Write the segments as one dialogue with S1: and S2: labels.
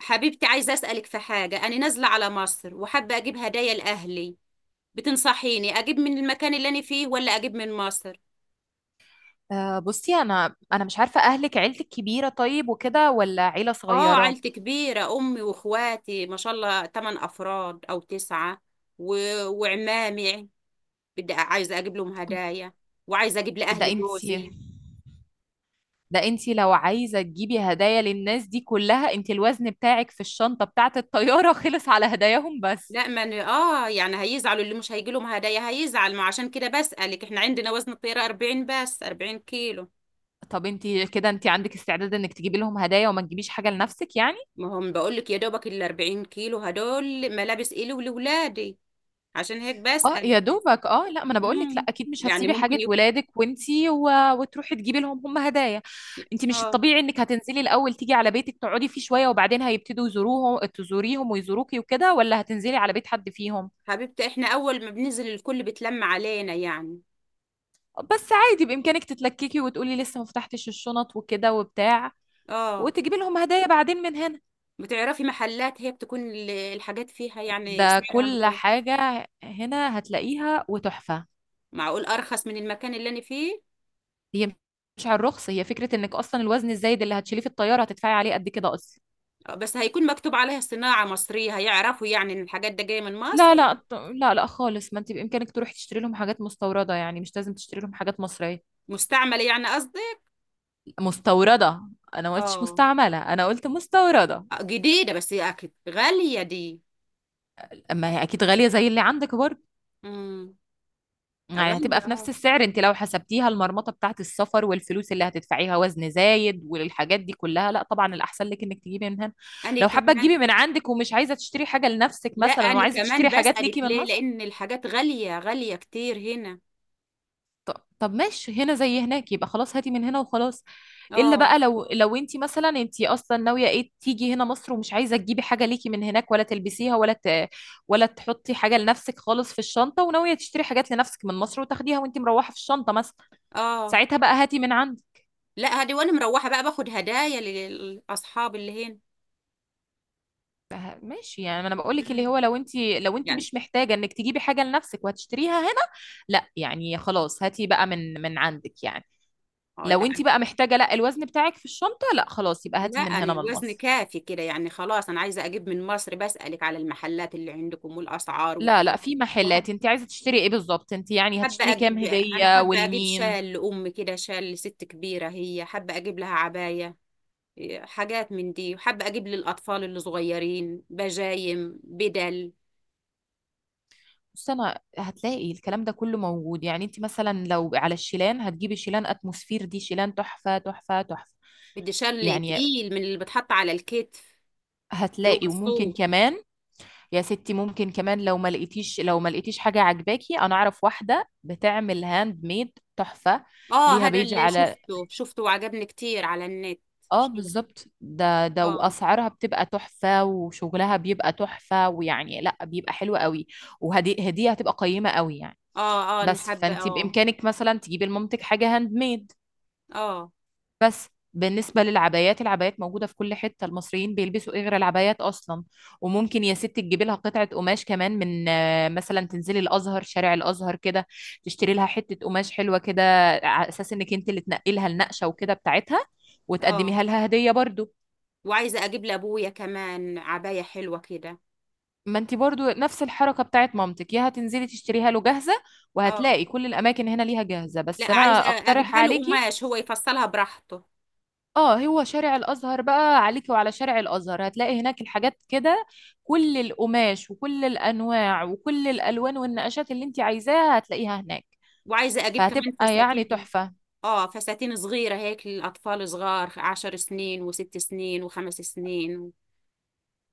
S1: حبيبتي، عايزة أسألك في حاجة. أنا نازلة على مصر وحابة أجيب هدايا لأهلي. بتنصحيني أجيب من المكان اللي أنا فيه ولا أجيب من مصر؟
S2: بصي، انا مش عارفه، اهلك عيلتك كبيره طيب وكده ولا عيله
S1: آه،
S2: صغيره؟
S1: عيلتي كبيرة، أمي وإخواتي ما شاء الله 8 أفراد أو 9، و... وعمامي. بدي عايزة أجيب لهم هدايا، وعايزة أجيب
S2: ده
S1: لأهلي
S2: انتي
S1: جوزي.
S2: ده انتي لو عايزه تجيبي هدايا للناس دي كلها، انتي الوزن بتاعك في الشنطه بتاعه الطياره خلص على هداياهم بس.
S1: لا ما أنا. آه يعني هيزعلوا، اللي مش هيجي لهم هدايا هيزعل، ما عشان كده بسألك. إحنا عندنا وزن الطيارة 40، بس 40 كيلو.
S2: طب انتي كده، انتي عندك استعداد انك تجيبي لهم هدايا وما تجيبيش حاجه لنفسك يعني؟
S1: ما هم بقول لك، يا دوبك ال 40 كيلو هدول ملابس إلي ولولادي، عشان هيك
S2: اه
S1: بسأل.
S2: يا دوبك، لا، ما انا بقول لك، لا
S1: امم
S2: اكيد مش
S1: يعني
S2: هتسيبي
S1: ممكن
S2: حاجه
S1: يكون.
S2: ولادك وانتي وتروحي تجيبي لهم هدايا. انتي مش
S1: اه،
S2: الطبيعي انك هتنزلي الاول تيجي على بيتك تقعدي فيه شويه وبعدين هيبتدوا يزوروهم تزوريهم ويزوروكي وكده، ولا هتنزلي على بيت حد فيهم؟
S1: حبيبتي احنا اول ما بننزل الكل بتلم علينا يعني.
S2: بس عادي بامكانك تتلككي وتقولي لسه ما فتحتش الشنط وكده وبتاع،
S1: اه،
S2: وتجيبي لهم هدايا بعدين من هنا.
S1: بتعرفي محلات هي بتكون الحاجات فيها يعني
S2: ده
S1: سعرها
S2: كل
S1: متوسط؟
S2: حاجه هنا هتلاقيها وتحفه.
S1: معقول ارخص من المكان اللي انا فيه؟
S2: هي مش على الرخص، هي فكره انك اصلا الوزن الزايد اللي هتشيليه في الطياره هتدفعي عليه قد كده اصلا.
S1: بس هيكون مكتوب عليها صناعة مصرية، هيعرفوا يعني ان الحاجات ده جاية من مصر.
S2: لا لا، لا لا خالص، ما انت بامكانك تروحي تشتري لهم حاجات مستورده، يعني مش لازم تشتري لهم حاجات مصريه.
S1: مستعملة يعني قصدي.
S2: مستورده. انا ما قلتش
S1: اه.
S2: مستعمله، انا قلت مستورده.
S1: جديدة بس اكيد غالية دي.
S2: اما هي اكيد غاليه زي اللي عندك برضه،
S1: امم
S2: يعني هتبقى
S1: غالية
S2: في نفس
S1: اه.
S2: السعر. انت لو حسبتيها المرمطه بتاعت السفر والفلوس اللي هتدفعيها وزن زايد والحاجات دي كلها، لا طبعا الاحسن لك انك تجيبي من هنا.
S1: انا
S2: لو حابه
S1: كمان.
S2: تجيبي من عندك ومش عايزه تشتري حاجه لنفسك
S1: لا،
S2: مثلا،
S1: انا
S2: وعايزه
S1: كمان
S2: تشتري حاجات
S1: بسألك
S2: ليكي من
S1: ليه،
S2: مصر.
S1: لان الحاجات غالية غالية كتير هنا.
S2: طب ماشي، هنا زي هناك، يبقى خلاص هاتي من هنا وخلاص. الا
S1: اه.
S2: بقى لو، انت مثلا انت اصلا ناويه ايه، تيجي هنا مصر ومش عايزه تجيبي حاجه ليكي من هناك ولا تلبسيها ولا ولا تحطي حاجه لنفسك خالص في الشنطه، وناويه تشتري حاجات لنفسك من مصر وتاخديها وانت مروحه في الشنطه مثلا،
S1: اه،
S2: ساعتها بقى هاتي من عندي.
S1: لا هدي وانا مروحة بقى باخد هدايا للاصحاب اللي هنا.
S2: ماشي، يعني ما انا بقول لك اللي
S1: مم.
S2: هو، لو انت،
S1: يعني.
S2: مش محتاجه انك تجيبي حاجه لنفسك وهتشتريها هنا. لا يعني خلاص هاتي بقى من عندك يعني.
S1: اه.
S2: لو
S1: لا.
S2: انت بقى محتاجه، لا الوزن بتاعك في الشنطه، لا خلاص يبقى
S1: لا
S2: هاتي من
S1: انا
S2: هنا من
S1: الوزن
S2: مصر.
S1: كافي كده يعني، خلاص انا عايزة اجيب من مصر، بسألك على المحلات اللي عندكم والاسعار
S2: لا لا،
S1: وكده.
S2: في محلات.
S1: وحابة
S2: انت عايزه تشتري ايه بالظبط؟ انت يعني
S1: حابة
S2: هتشتري كام
S1: اجيب، انا
S2: هديه
S1: حابة اجيب
S2: والمين؟
S1: شال لامي كده، شال لست كبيرة، هي حابة اجيب لها عباية. حاجات من دي، وحابة أجيب للأطفال اللي صغيرين بجايم بدل.
S2: بس انا هتلاقي الكلام ده كله موجود، يعني انت مثلا لو على الشيلان، هتجيبي شيلان اتموسفير، دي شيلان تحفه تحفه تحفه،
S1: بدي شل
S2: يعني
S1: تقيل من اللي بتحط على الكتف، اللي هو
S2: هتلاقي. وممكن
S1: الصوف.
S2: كمان يا ستي، ممكن كمان لو ما لقيتيش، حاجه عجباكي، انا اعرف واحده بتعمل هاند ميد تحفه،
S1: اه،
S2: ليها
S1: هذا
S2: بيج
S1: اللي
S2: على.
S1: شفته وعجبني كتير على النت.
S2: اه
S1: شو-
S2: بالظبط، ده
S1: اه.
S2: واسعارها بتبقى تحفه وشغلها بيبقى تحفه، ويعني لا بيبقى حلو قوي، وهدي هديه هتبقى قيمه قوي يعني.
S1: اه اه، أنا
S2: بس
S1: حابة
S2: فانت
S1: اه.
S2: بامكانك مثلا تجيبي لمامتك حاجه هاند ميد.
S1: اه.
S2: بس بالنسبه للعبايات، العبايات موجوده في كل حته. المصريين بيلبسوا ايه غير العبايات اصلا؟ وممكن يا ست تجيبي لها قطعه قماش كمان من، مثلا تنزلي الازهر، شارع الازهر كده، تشتري لها حته قماش حلوه كده، على اساس انك انت اللي تنقلها النقشه وكده بتاعتها،
S1: اه،
S2: وتقدميها لها هديه برضو.
S1: وعايزة أجيب لأبويا كمان عباية حلوة كده.
S2: ما انت برضو نفس الحركة بتاعت مامتك، يا هتنزلي تشتريها له جاهزة،
S1: اه،
S2: وهتلاقي كل الأماكن هنا ليها جاهزة،
S1: لا
S2: بس
S1: عايزة
S2: أنا أقترح
S1: أجيبها له
S2: عليكي.
S1: قماش، هو يفصلها براحته.
S2: اه، هو شارع الأزهر بقى عليكي، وعلى شارع الأزهر هتلاقي هناك الحاجات كده، كل القماش وكل الأنواع وكل الألوان والنقشات اللي انت عايزاها هتلاقيها هناك،
S1: وعايزة أجيب كمان
S2: فهتبقى يعني
S1: فساتين.
S2: تحفة.
S1: اه، فساتين صغيرة هيك للأطفال صغار، 10 سنين وست سنين وخمس سنين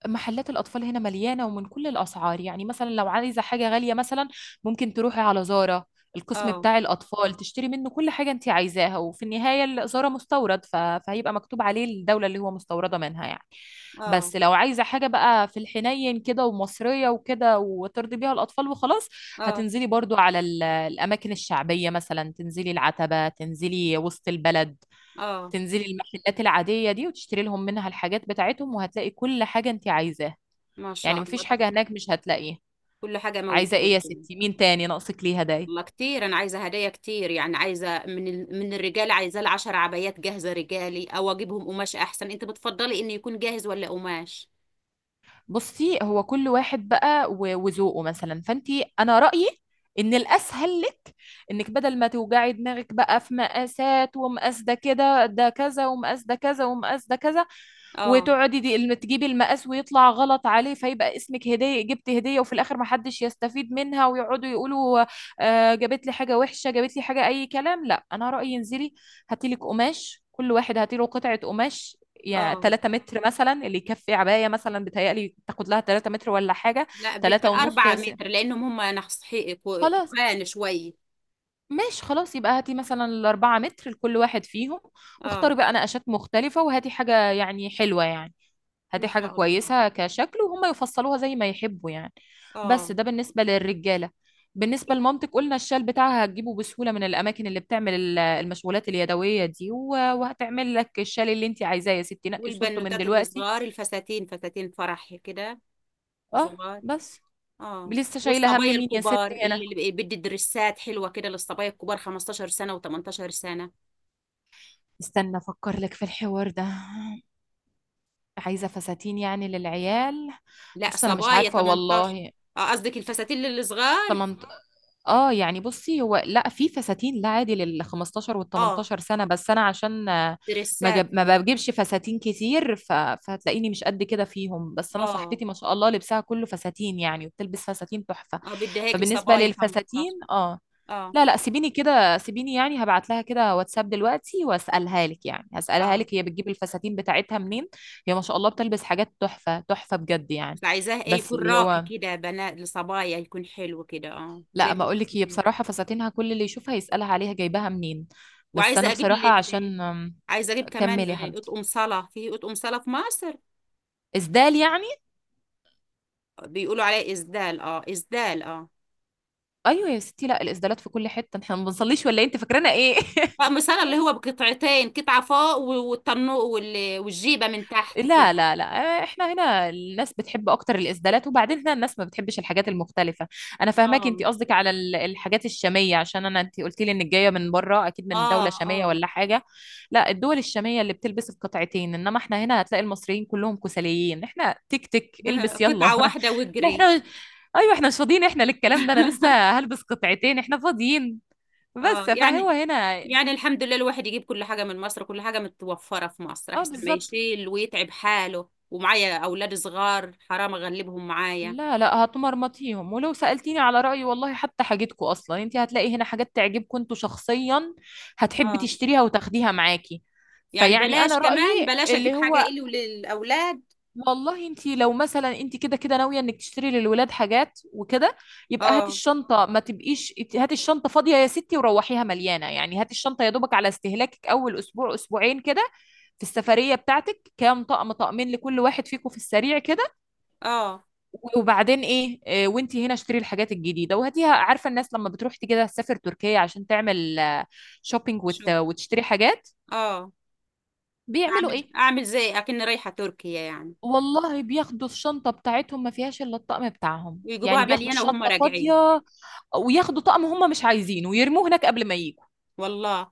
S2: محلات الأطفال هنا مليانة ومن كل الأسعار، يعني مثلا لو عايزة حاجة غالية مثلا، ممكن تروحي على زارا، القسم
S1: اه.
S2: بتاع الأطفال، تشتري منه كل حاجة أنت عايزاها، وفي النهاية زارا مستورد، فهيبقى مكتوب عليه الدولة اللي هو مستوردة منها يعني.
S1: اه.
S2: بس لو عايزة حاجة بقى في الحنين كده ومصرية وكده وترضي بيها الأطفال وخلاص،
S1: اه.
S2: هتنزلي برضو على الأماكن الشعبية، مثلا تنزلي العتبة، تنزلي وسط البلد،
S1: اه،
S2: تنزلي المحلات العادية دي وتشتري لهم منها الحاجات بتاعتهم، وهتلاقي كل حاجة انت عايزاها،
S1: ما شاء
S2: يعني
S1: الله.
S2: مفيش
S1: طب
S2: حاجة هناك مش هتلاقيها.
S1: كل حاجة
S2: عايزة ايه يا
S1: موجودة يعني.
S2: ستي؟ مين تاني ناقصك ليه هدايا؟
S1: والله كتير، أنا عايزة هدايا كتير يعني. عايزة من الرجال، عايزة ال10 عبايات جاهزة رجالي، أو أجيبهم قماش أحسن؟ أنت بتفضلي إنه يكون جاهز ولا قماش؟
S2: بصي، هو كل واحد بقى وذوقه مثلا، فانتي انا رأيي ان الاسهل لك انك بدل ما توجعي دماغك بقى في مقاسات، ومقاس ده كده ده كذا، ومقاس ده كذا، ومقاس ده كذا،
S1: اه.
S2: وتقعدي دي تجيبي المقاس ويطلع غلط عليه، فيبقى اسمك هدية، جبت هدية وفي الاخر محدش يستفيد منها، ويقعدوا يقولوا آه جابت لي حاجة وحشة، جابت لي حاجة اي كلام. لا انا رأيي انزلي هاتيلك قماش، كل واحد هاتيله قطعة قماش، يعني
S1: اه،
S2: 3 متر مثلا اللي يكفي عباية مثلا، بتهيألي تاخد لها 3 متر ولا حاجة،
S1: لا
S2: 3 ونص
S1: أربعة
S2: يا
S1: متر لأنهم هم
S2: خلاص.
S1: تخان شوية.
S2: ماشي خلاص، يبقى هاتي مثلا الأربعة متر لكل واحد فيهم،
S1: اه،
S2: واختاري بقى نقشات مختلفة، وهاتي حاجة يعني حلوة يعني، هاتي
S1: إن
S2: حاجة
S1: شاء الله.
S2: كويسة كشكل، وهم يفصلوها زي ما يحبوا يعني.
S1: اه.
S2: بس ده بالنسبة للرجالة. بالنسبة لمامتك قلنا، الشال بتاعها هتجيبه بسهولة من الأماكن اللي بتعمل المشغولات اليدوية دي، وهتعمل لك الشال اللي انت عايزاه. يا ستي نقي صورته من
S1: والبنوتات
S2: دلوقتي.
S1: الصغار الفساتين، فساتين فرح كده
S2: اه.
S1: صغار.
S2: بس
S1: اه.
S2: لسه شايلة هم
S1: والصبايا
S2: مين يا ست
S1: الكبار،
S2: هنا؟
S1: اللي بدي درسات حلوة كده للصبايا الكبار، 15 سنة و18 سنة.
S2: استنى افكر لك في الحوار ده. عايزة فساتين يعني للعيال؟
S1: لا،
S2: بص انا مش
S1: صبايا
S2: عارفة
S1: 18.
S2: والله.
S1: اه قصدك الفساتين للصغار.
S2: تمنت... اه يعني بصي، هو لا في فساتين لا عادي لل 15 وال
S1: اه،
S2: 18 سنة، بس انا عشان
S1: درسات.
S2: ما بجيبش فساتين كتير فهتلاقيني مش قد كده فيهم. بس انا
S1: اه.
S2: صاحبتي ما شاء الله لبسها كله فساتين يعني، وبتلبس فساتين تحفة،
S1: اه، بدي هيك
S2: فبالنسبة
S1: لصبايا
S2: للفساتين،
S1: 15.
S2: اه
S1: اه.
S2: لا لا سيبيني كده، سيبيني يعني، هبعت لها كده واتساب دلوقتي واسالها لك، يعني هسالها
S1: اه،
S2: لك هي بتجيب الفساتين بتاعتها منين. هي ما شاء الله بتلبس حاجات تحفه تحفه بجد يعني.
S1: بس عايزاه ايه،
S2: بس
S1: يكون
S2: اللي
S1: راقي
S2: هو،
S1: كده بنات، لصبايا يكون حلو كده اه زي
S2: لا
S1: ما
S2: ما
S1: انت
S2: اقول لك، هي
S1: بتقولي.
S2: بصراحه فساتينها كل اللي يشوفها يسالها عليها جايباها منين. بس انا
S1: وعايزه اجيب
S2: بصراحه
S1: لي.
S2: عشان
S1: عايزه اجيب كمان
S2: كمل يا حبيبتي.
S1: اطقم صلاه، في اطقم صلاه في مصر؟
S2: اسدال يعني؟
S1: بيقولوا عليه إسدال، اه إسدال اه.
S2: ايوه يا ستي، لا الاسدالات في كل حته احنا ما بنصليش ولا إيه؟ انت فاكرانا ايه
S1: طقم صلى اللي هو بقطعتين، قطعة فوق والطنو والجيبة من تحت
S2: لا
S1: كده.
S2: لا لا احنا هنا الناس بتحب اكتر الاسدالات، وبعدين هنا الناس ما بتحبش الحاجات المختلفه. انا فاهماكي،
S1: اه.
S2: انت قصدك على الحاجات الشاميه، عشان انا انت قلت لي انك جايه من بره، اكيد من
S1: اه.
S2: دوله شاميه
S1: اه.
S2: ولا حاجه. لا الدول الشاميه اللي بتلبس القطعتين، انما احنا هنا هتلاقي المصريين كلهم كسليين، احنا تك تك البس يلا
S1: قطعة
S2: احنا
S1: واحدة واجري.
S2: احنا ايوه، احنا مش فاضيين، احنا للكلام ده؟ انا لسه هلبس قطعتين احنا فاضيين،
S1: اه
S2: بس فهو
S1: يعني.
S2: هنا.
S1: يعني الحمد لله، الواحد يجيب كل حاجة من مصر، كل حاجة متوفرة في مصر،
S2: اه
S1: أحسن ما
S2: بالظبط،
S1: يشيل ويتعب حاله، ومعايا أولاد صغار حرام أغلبهم معايا.
S2: لا لا هتمرمطيهم، ولو سألتيني على رأيي والله، حتى حاجتكم أصلا انت هتلاقي هنا حاجات تعجبكم انتوا شخصيا، هتحبي
S1: اه
S2: تشتريها وتاخديها معاكي.
S1: يعني
S2: فيعني
S1: بلاش،
S2: أنا
S1: كمان
S2: رأيي
S1: بلاش أجيب
S2: اللي
S1: حاجة
S2: هو،
S1: إلي وللأولاد.
S2: والله انت لو مثلا، انت كده كده ناوية انك تشتري للولاد حاجات وكده، يبقى هاتي
S1: اه.
S2: الشنطة، ما تبقيش هاتي الشنطة فاضية يا ستي وروحيها مليانة، يعني هاتي الشنطة يا دوبك على استهلاكك أول أسبوع أسبوعين كده في السفرية بتاعتك، كام طقم طقمين لكل واحد فيكم في السريع كده،
S1: اه.
S2: وبعدين ايه وانتي هنا اشتري الحاجات الجديده وهاتيها. عارفه الناس لما بتروح تيجي كده تسافر تركيا عشان تعمل شوبينج
S1: شوف.
S2: وتشتري حاجات،
S1: اه.
S2: بيعملوا
S1: اعمل
S2: ايه؟
S1: اعمل زي اكن رايحه تركيا يعني.
S2: والله بياخدوا الشنطه بتاعتهم ما فيهاش الا الطقم بتاعهم، يعني
S1: ويجيبوها
S2: بياخدوا
S1: مليانه وهم
S2: الشنطه
S1: راجعين.
S2: فاضيه، وياخدوا طقم هم مش عايزينه ويرموه هناك قبل ما يجوا.
S1: والله.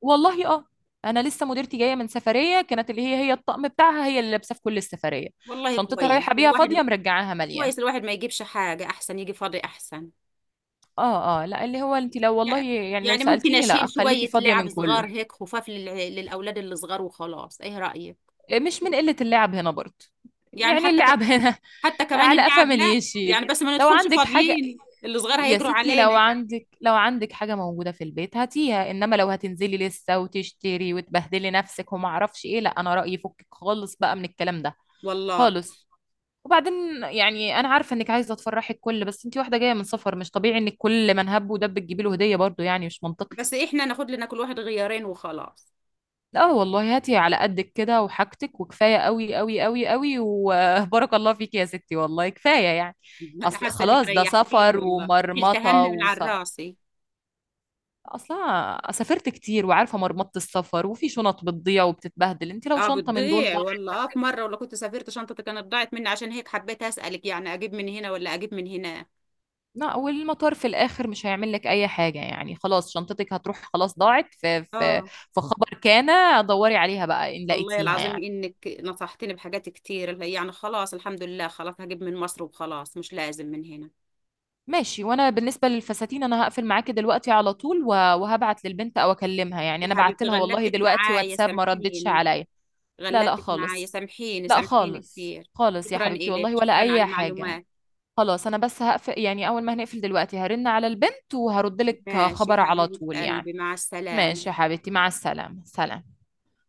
S2: والله اه. انا لسه مديرتي جايه من سفريه كانت، اللي هي هي الطقم بتاعها هي اللي لابسه في كل السفريه،
S1: والله
S2: شنطتها
S1: كويس
S2: رايحه بيها
S1: الواحد.
S2: فاضيه مرجعاها مليان.
S1: كويس الواحد ما يجيبش حاجه، احسن يجي فاضي احسن.
S2: اه اه لا، اللي هو انت لو، والله
S1: يعني.
S2: يعني لو
S1: يعني ممكن
S2: سألتيني، لا
S1: اشيل
S2: خليكي
S1: شويه
S2: فاضية
S1: لعب
S2: من كله،
S1: صغار هيك خفاف للاولاد اللي صغار وخلاص، ايه رايك؟
S2: يعني مش من قلة اللعب هنا برضه،
S1: يعني
S2: يعني اللعب هنا.
S1: حتى كمان
S2: على قفا
S1: اللعب،
S2: من
S1: لا يعني
S2: يشيل.
S1: بس ما
S2: لو
S1: ندخلش
S2: عندك حاجة
S1: فاضيين، اللي صغار
S2: يا
S1: هيجروا
S2: ستي،
S1: علينا يعني.
S2: لو عندك حاجة موجودة في البيت هاتيها، انما لو هتنزلي لسه وتشتري وتبهدلي نفسك وما اعرفش ايه، لا انا رأيي فكك خالص بقى من الكلام ده
S1: والله.
S2: خالص. وبعدين يعني انا عارفة انك عايزة تفرحي الكل، بس انتي واحدة جاية من سفر، مش طبيعي ان الكل من هب ودب تجيبي له هدية برضه، يعني مش منطقي.
S1: بس احنا ناخد لنا كل واحد غيارين وخلاص.
S2: اه والله، هاتي على قدك كده وحاجتك، وكفايه قوي قوي قوي قوي، وبارك الله فيك يا ستي، والله كفايه يعني.
S1: انا
S2: اصل
S1: حاسه انك
S2: خلاص، ده
S1: ريحتيني
S2: سفر
S1: والله. شلت هم
S2: ومرمطه
S1: من على راسي.
S2: اصلا سافرت كتير وعارفه مرمطه السفر، وفي شنط بتضيع وبتتبهدل، انت لو
S1: اه،
S2: شنطه من دول
S1: بتضيع
S2: ضاعت،
S1: والله. اه، في مرة ولا كنت سافرت شنطتي كانت ضاعت مني، عشان هيك حبيت أسألك يعني، أجيب من هنا ولا أجيب من هنا.
S2: لا والمطار في الاخر مش هيعمل لك اي حاجه، يعني خلاص شنطتك هتروح، خلاص ضاعت في
S1: اه،
S2: في خبر كان. دوري عليها بقى ان
S1: والله
S2: لقيتيها
S1: العظيم
S2: يعني.
S1: إنك نصحتني بحاجات كتير يعني، خلاص الحمد لله، خلاص هجيب من مصر وخلاص مش لازم من هنا.
S2: ماشي. وانا بالنسبه للفساتين انا هقفل معاكي دلوقتي على طول وهبعت للبنت او اكلمها، يعني
S1: يا
S2: انا بعت
S1: حبيبتي
S2: لها والله
S1: غلبتك
S2: دلوقتي
S1: معايا
S2: واتساب ما ردتش
S1: سامحيني.
S2: عليا. لا لا
S1: غلبتك معايا،
S2: خالص،
S1: سامحيني
S2: لا
S1: سامحيني
S2: خالص
S1: كتير.
S2: خالص يا
S1: شكرا
S2: حبيبتي
S1: إلك،
S2: والله ولا
S1: شكرا على
S2: اي حاجه.
S1: المعلومات.
S2: خلاص انا بس هقفل، يعني اول ما هنقفل دلوقتي هرن على البنت وهرد لك
S1: ماشي
S2: خبر على
S1: حبيبة
S2: طول يعني.
S1: قلبي، مع
S2: ماشي يا
S1: السلامة.
S2: حبيبتي، مع السلامه، سلام.